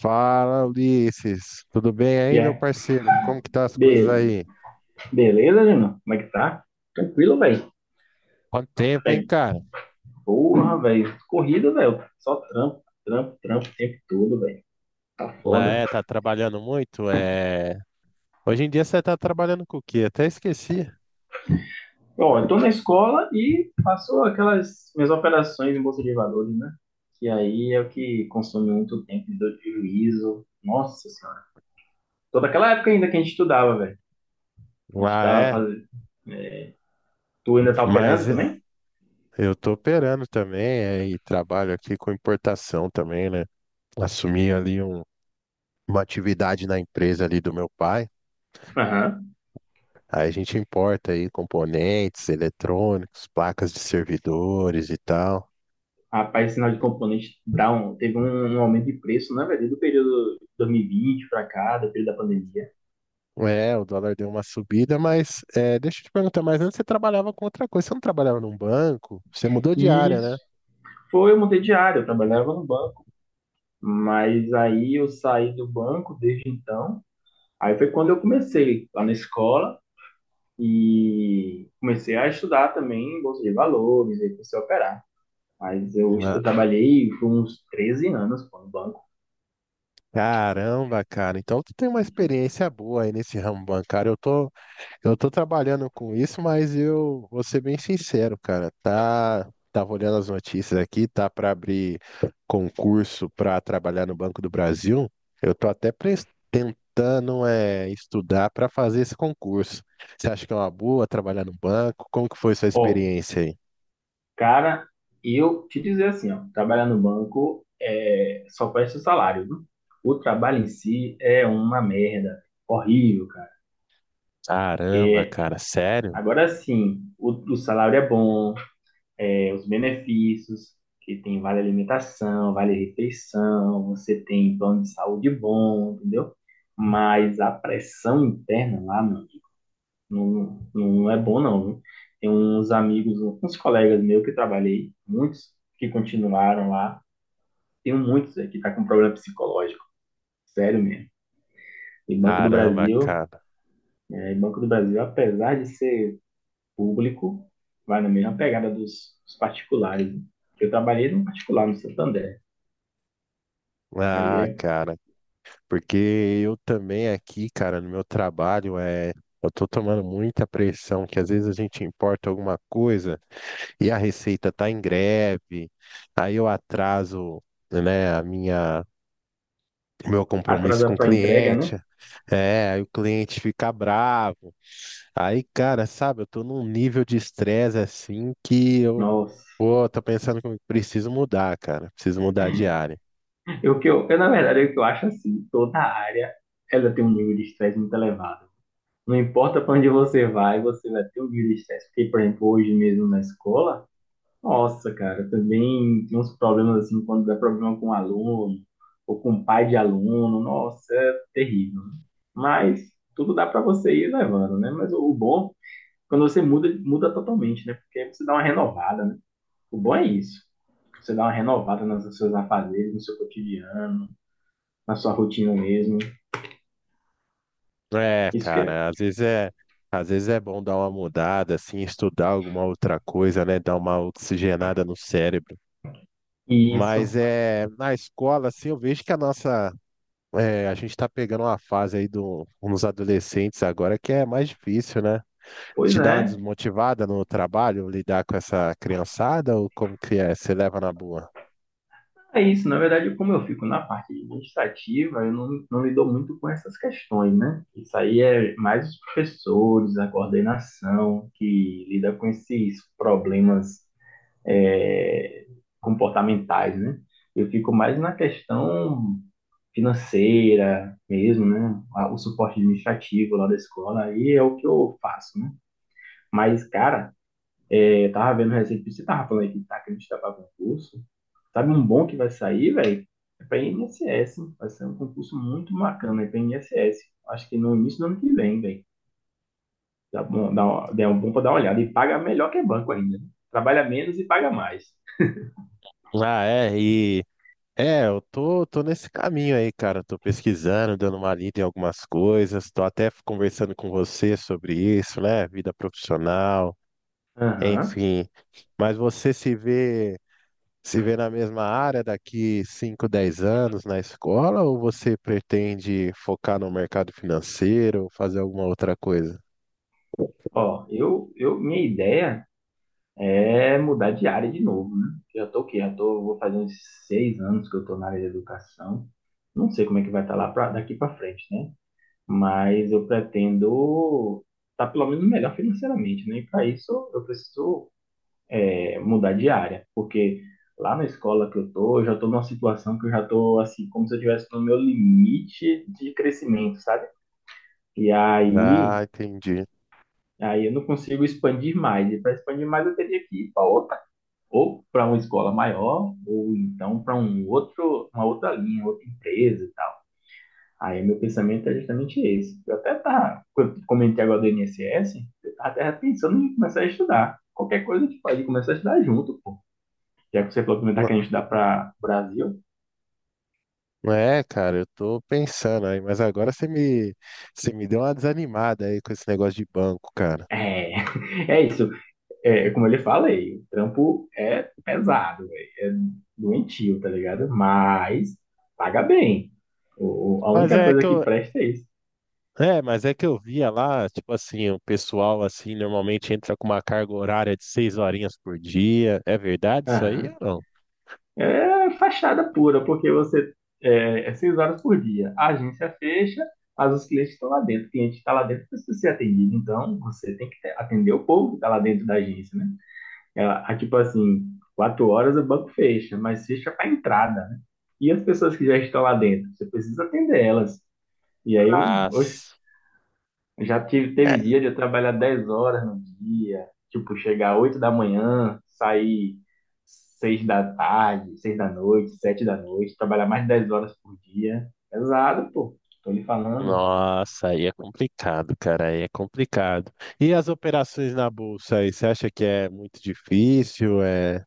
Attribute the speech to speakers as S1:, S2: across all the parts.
S1: Fala, Ulisses. Tudo bem
S2: E
S1: aí, meu
S2: é.
S1: parceiro? Como que tá as coisas
S2: Be-
S1: aí?
S2: beleza, Júnior? Como é que tá? Tranquilo, velho.
S1: Quanto tempo, hein, cara?
S2: Porra, velho. Corrida, velho. Só trampo, trampo, trampo o tempo todo, velho. Tá
S1: Ah,
S2: foda.
S1: é, tá trabalhando muito? Hoje em dia você tá trabalhando com o quê? Até esqueci.
S2: Bom, eu tô na escola e faço aquelas minhas operações em bolsa de valores, né? Que aí é o que consome muito tempo de dor de juízo. Nossa senhora. Toda aquela época ainda que a gente estudava, velho. A gente
S1: Ah,
S2: tava
S1: é?
S2: fazendo. Tu ainda tá
S1: Mas
S2: operando
S1: é,
S2: também?
S1: eu tô operando também, é, e trabalho aqui com importação também, né? Assumi ali um- uma atividade na empresa ali do meu pai.
S2: Aham.
S1: Aí a gente importa aí componentes eletrônicos, placas de servidores e tal.
S2: Rapaz, sinal de componentes teve um aumento de preço, na verdade, do período 2020 para cá, do período da pandemia.
S1: É, o dólar deu uma subida, mas é, deixa eu te perguntar, mas antes você trabalhava com outra coisa, você não trabalhava num banco? Você mudou de
S2: E
S1: área,
S2: isso
S1: né?
S2: foi, eu mudei de área, eu trabalhava no banco. Mas aí eu saí do banco desde então. Aí foi quando eu comecei lá na escola e comecei a estudar também bolsa de valores, aí comecei a operar. Mas eu,
S1: Ah,
S2: eu trabalhei por uns 13 anos pô, no banco.
S1: caramba, cara, então tu tem uma experiência boa aí nesse ramo bancário. Eu tô trabalhando com isso, mas eu vou ser bem sincero, cara. Tá, tava olhando as notícias aqui, tá para abrir concurso para trabalhar no Banco do Brasil. Eu tô até tentando é, estudar para fazer esse concurso. Você acha que é uma boa trabalhar no banco? Como que foi sua
S2: Ó,
S1: experiência aí?
S2: cara, e eu te dizer assim, ó, trabalhar no banco é só presta o salário, viu? O trabalho em si é uma merda, horrível, cara.
S1: Caramba, cara, sério?
S2: Agora sim, o salário é bom, os benefícios, que tem vale alimentação, vale refeição, você tem plano de saúde bom, entendeu? Mas a pressão interna lá, meu amigo, não, não é bom não, viu? Tem uns amigos, uns colegas meus que trabalhei, muitos que continuaram lá. Tem muitos aí que tá com problema psicológico, sério mesmo. E Banco do
S1: Caramba,
S2: Brasil,
S1: cara.
S2: e Banco do Brasil, apesar de ser público, vai na mesma pegada dos particulares, né? Eu trabalhei num particular no Santander. Aí
S1: Ah,
S2: é
S1: cara. Porque eu também aqui, cara, no meu trabalho, é, eu tô tomando muita pressão, que às vezes a gente importa alguma coisa e a receita tá em greve, aí eu atraso, né, a minha, o meu compromisso com
S2: atrasar
S1: o
S2: para entrega,
S1: cliente,
S2: né?
S1: é, aí o cliente fica bravo. Aí, cara, sabe, eu tô num nível de estresse assim que eu,
S2: Nossa.
S1: pô, tô pensando que eu preciso mudar, cara, preciso mudar de área.
S2: Eu, que eu, na verdade, o que eu acho assim, toda área, ela tem um nível de estresse muito elevado. Não importa para onde você vai ter um nível de estresse. Porque, por exemplo, hoje mesmo na escola, nossa, cara, também tem uns problemas assim, quando dá problema com um aluno, ou com um pai de aluno, nossa, é terrível, né? Mas tudo dá para você ir levando, né? Mas o bom, quando você muda, muda totalmente, né? Porque aí você dá uma renovada, né? O bom é isso. Você dá uma renovada nos seus afazeres, no seu cotidiano, na sua rotina mesmo.
S1: É,
S2: Isso que é.
S1: cara, às vezes é bom dar uma mudada, assim, estudar alguma outra coisa, né? Dar uma oxigenada no cérebro.
S2: Isso.
S1: Na escola, assim, eu vejo que a nossa, é, a gente tá pegando uma fase aí do, uns adolescentes agora que é mais difícil, né?
S2: Pois
S1: Te dá uma
S2: é.
S1: desmotivada no trabalho, lidar com essa criançada, ou como que é? Você leva na boa?
S2: É isso, na verdade, como eu fico na parte administrativa, eu não lido muito com essas questões, né? Isso aí é mais os professores, a coordenação, que lida com esses problemas, é, comportamentais, né? Eu fico mais na questão financeira mesmo, né? O suporte administrativo lá da escola, aí é o que eu faço, né? Mas, cara, eu tava vendo recentemente, você tava falando aí que a gente tava com concurso. Sabe um bom que vai sair, velho? É para INSS, hein? Vai ser um concurso muito bacana, é para INSS. Acho que no início do ano que vem, velho. Dá bom, dá um bom para dar uma olhada. E paga melhor que banco ainda, né? Trabalha menos e paga mais.
S1: Ah, é, e É, tô nesse caminho aí, cara. Tô pesquisando, dando uma lida em algumas coisas. Tô até conversando com você sobre isso, né? Vida profissional,
S2: Aham.
S1: enfim. Mas você se vê, se vê na mesma área daqui 5, 10 anos na escola ou você pretende focar no mercado financeiro, fazer alguma outra coisa?
S2: Ó, minha ideia é mudar de área de novo, né? Eu já tô o quê? Vou fazer uns 6 anos que eu tô na área de educação. Não sei como é que vai estar lá pra, daqui para frente, né? Mas eu pretendo estar pelo menos melhor financeiramente, né? E para isso eu preciso, mudar de área, porque lá na escola que eu tô, eu já tô numa situação que eu já tô assim, como se eu estivesse no meu limite de crescimento, sabe? E
S1: Ah,
S2: aí,
S1: entendi.
S2: aí eu não consigo expandir mais. E para expandir mais eu teria que ir para outra, ou para uma escola maior, ou então para um outro, uma outra linha, outra empresa e tal. Aí meu pensamento é justamente esse. Quando comentei agora do INSS, eu tava até pensando em começar a estudar. Qualquer coisa a gente pode começar a estudar junto, pô. Já que você falou que não está
S1: Não.
S2: querendo estudar para Brasil,
S1: É, cara, eu tô pensando aí, mas agora você me deu uma desanimada aí com esse negócio de banco, cara.
S2: é, é isso. É, como eu lhe falei, o trampo é pesado, véi, é doentio, tá ligado? Mas paga bem. A
S1: Mas
S2: única
S1: é
S2: coisa
S1: que
S2: que
S1: eu,
S2: presta é isso.
S1: mas é que eu via lá, tipo assim, o pessoal assim normalmente entra com uma carga horária de seis horinhas por dia. É verdade isso aí ou
S2: Aham.
S1: não?
S2: É fachada pura, porque você é, seis horas por dia. A agência fecha, mas os clientes estão lá dentro. O cliente está lá dentro para ser atendido. Então, você tem que atender o povo que está lá dentro da agência, né? Ah, tipo assim, 4 horas o banco fecha, mas fecha para entrada, né? E as pessoas que já estão lá dentro, você precisa atender elas. E aí, eu, oxe,
S1: Nossa,
S2: já tive, teve
S1: é.
S2: dia de eu trabalhar 10 horas no dia, tipo, chegar 8 da manhã, sair 6 da tarde, 6 da noite, 7 da noite, trabalhar mais de 10 horas por dia. Pesado, pô, tô lhe falando.
S1: Nossa, aí é complicado, cara, aí é complicado. E as operações na bolsa aí, você acha que é muito difícil, é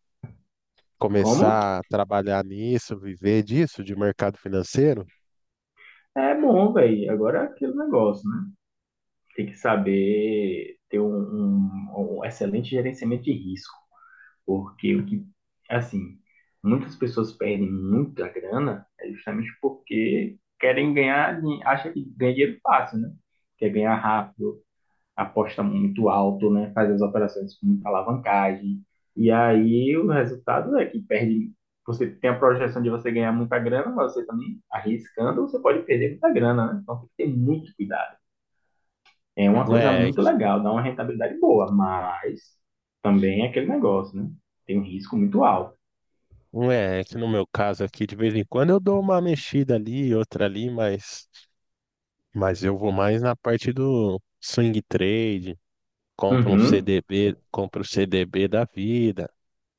S2: Como?
S1: começar a trabalhar nisso, viver disso, de mercado financeiro?
S2: É bom, velho. Agora é aquele negócio, né? Tem que saber ter um excelente gerenciamento de risco. Porque o que, assim, muitas pessoas perdem muita grana é justamente porque querem ganhar, acha que ganha dinheiro fácil, né? Quer ganhar rápido, aposta muito alto, né? Faz as operações com muita alavancagem. E aí o resultado é que perde. Você tem a projeção de você ganhar muita grana, mas você também arriscando, você pode perder muita grana, né? Então tem que ter muito cuidado. É uma
S1: Não
S2: coisa
S1: é,
S2: muito legal, dá uma rentabilidade boa, mas também é aquele negócio, né? Tem um risco muito alto.
S1: não é que no meu caso aqui, de vez em quando eu dou uma mexida ali, outra ali, mas eu vou mais na parte do swing trade, compro um
S2: Uhum,
S1: CDB, compro o CDB da vida.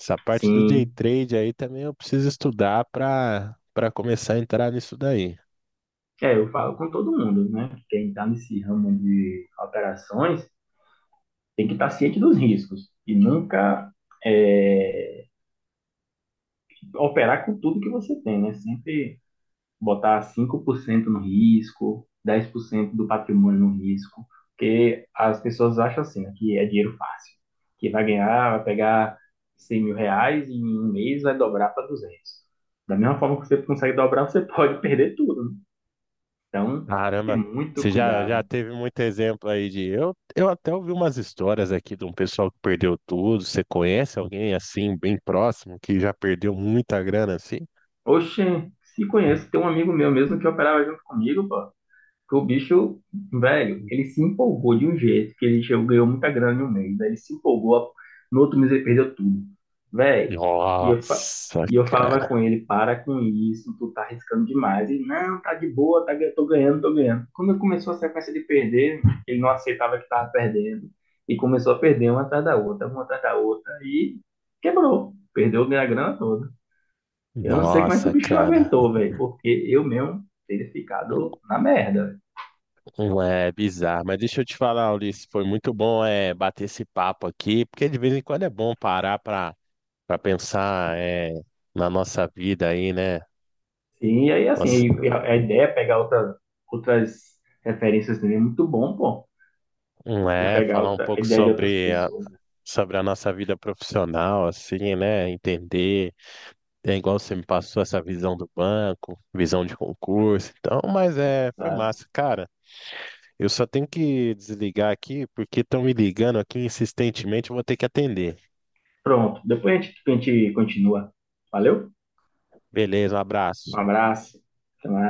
S1: Essa parte do day
S2: sim.
S1: trade aí também eu preciso estudar para começar a entrar nisso daí.
S2: É, eu falo com todo mundo, né? Que quem está nesse ramo de operações tem que estar ciente dos riscos e nunca, é, operar com tudo que você tem, né? Sempre botar 5% no risco, 10% do patrimônio no risco, porque as pessoas acham assim, né, que é dinheiro fácil, que vai ganhar, vai pegar 100.000 reais e em um mês vai dobrar para 200. Da mesma forma que você consegue dobrar, você pode perder tudo, né? Então, tem que ter
S1: Caramba,
S2: muito
S1: você já
S2: cuidado.
S1: teve muito exemplo aí de eu até ouvi umas histórias aqui de um pessoal que perdeu tudo. Você conhece alguém assim bem próximo que já perdeu muita grana assim?
S2: Oxe, se conheço, tem um amigo meu mesmo que operava junto comigo, pô. Porque o bicho, velho, ele se empolgou de um jeito que ele chegou, ganhou muita grana em um mês. Aí ele se empolgou, no outro mês ele perdeu tudo. Velho, e eu, fa-
S1: Nossa,
S2: e eu falava com
S1: cara.
S2: ele, para com isso, tu tá arriscando demais. E não, tá de boa, tá, tô ganhando, tô ganhando. Quando ele começou a sequência de perder, ele não aceitava que tava perdendo. E começou a perder uma atrás da outra, uma atrás da outra, e quebrou. Perdeu a minha grana toda. Eu não sei como é que o
S1: Nossa,
S2: bicho
S1: cara.
S2: aguentou, velho, porque eu mesmo teria ficado na merda.
S1: Um. É bizarro, mas deixa eu te falar, Ulisses, foi muito bom é, bater esse papo aqui, porque de vez em quando é bom parar para pensar é, na nossa vida aí, né?
S2: Sim, e aí assim,
S1: Nossa,
S2: e a ideia é pegar outra, outras referências também, é muito bom, pô. Você
S1: é,
S2: pegar
S1: falar um
S2: outra, a
S1: pouco
S2: ideia de outras pessoas, né?
S1: sobre a nossa vida profissional, assim, né? Entender, é igual você me passou essa visão do banco, visão de concurso, então, mas é, foi
S2: Tá?
S1: massa, cara. Eu só tenho que desligar aqui, porque estão me ligando aqui insistentemente, eu vou ter que atender.
S2: Pronto, depois a gente continua. Valeu?
S1: Beleza, um
S2: Um
S1: abraço.
S2: abraço. Até mais.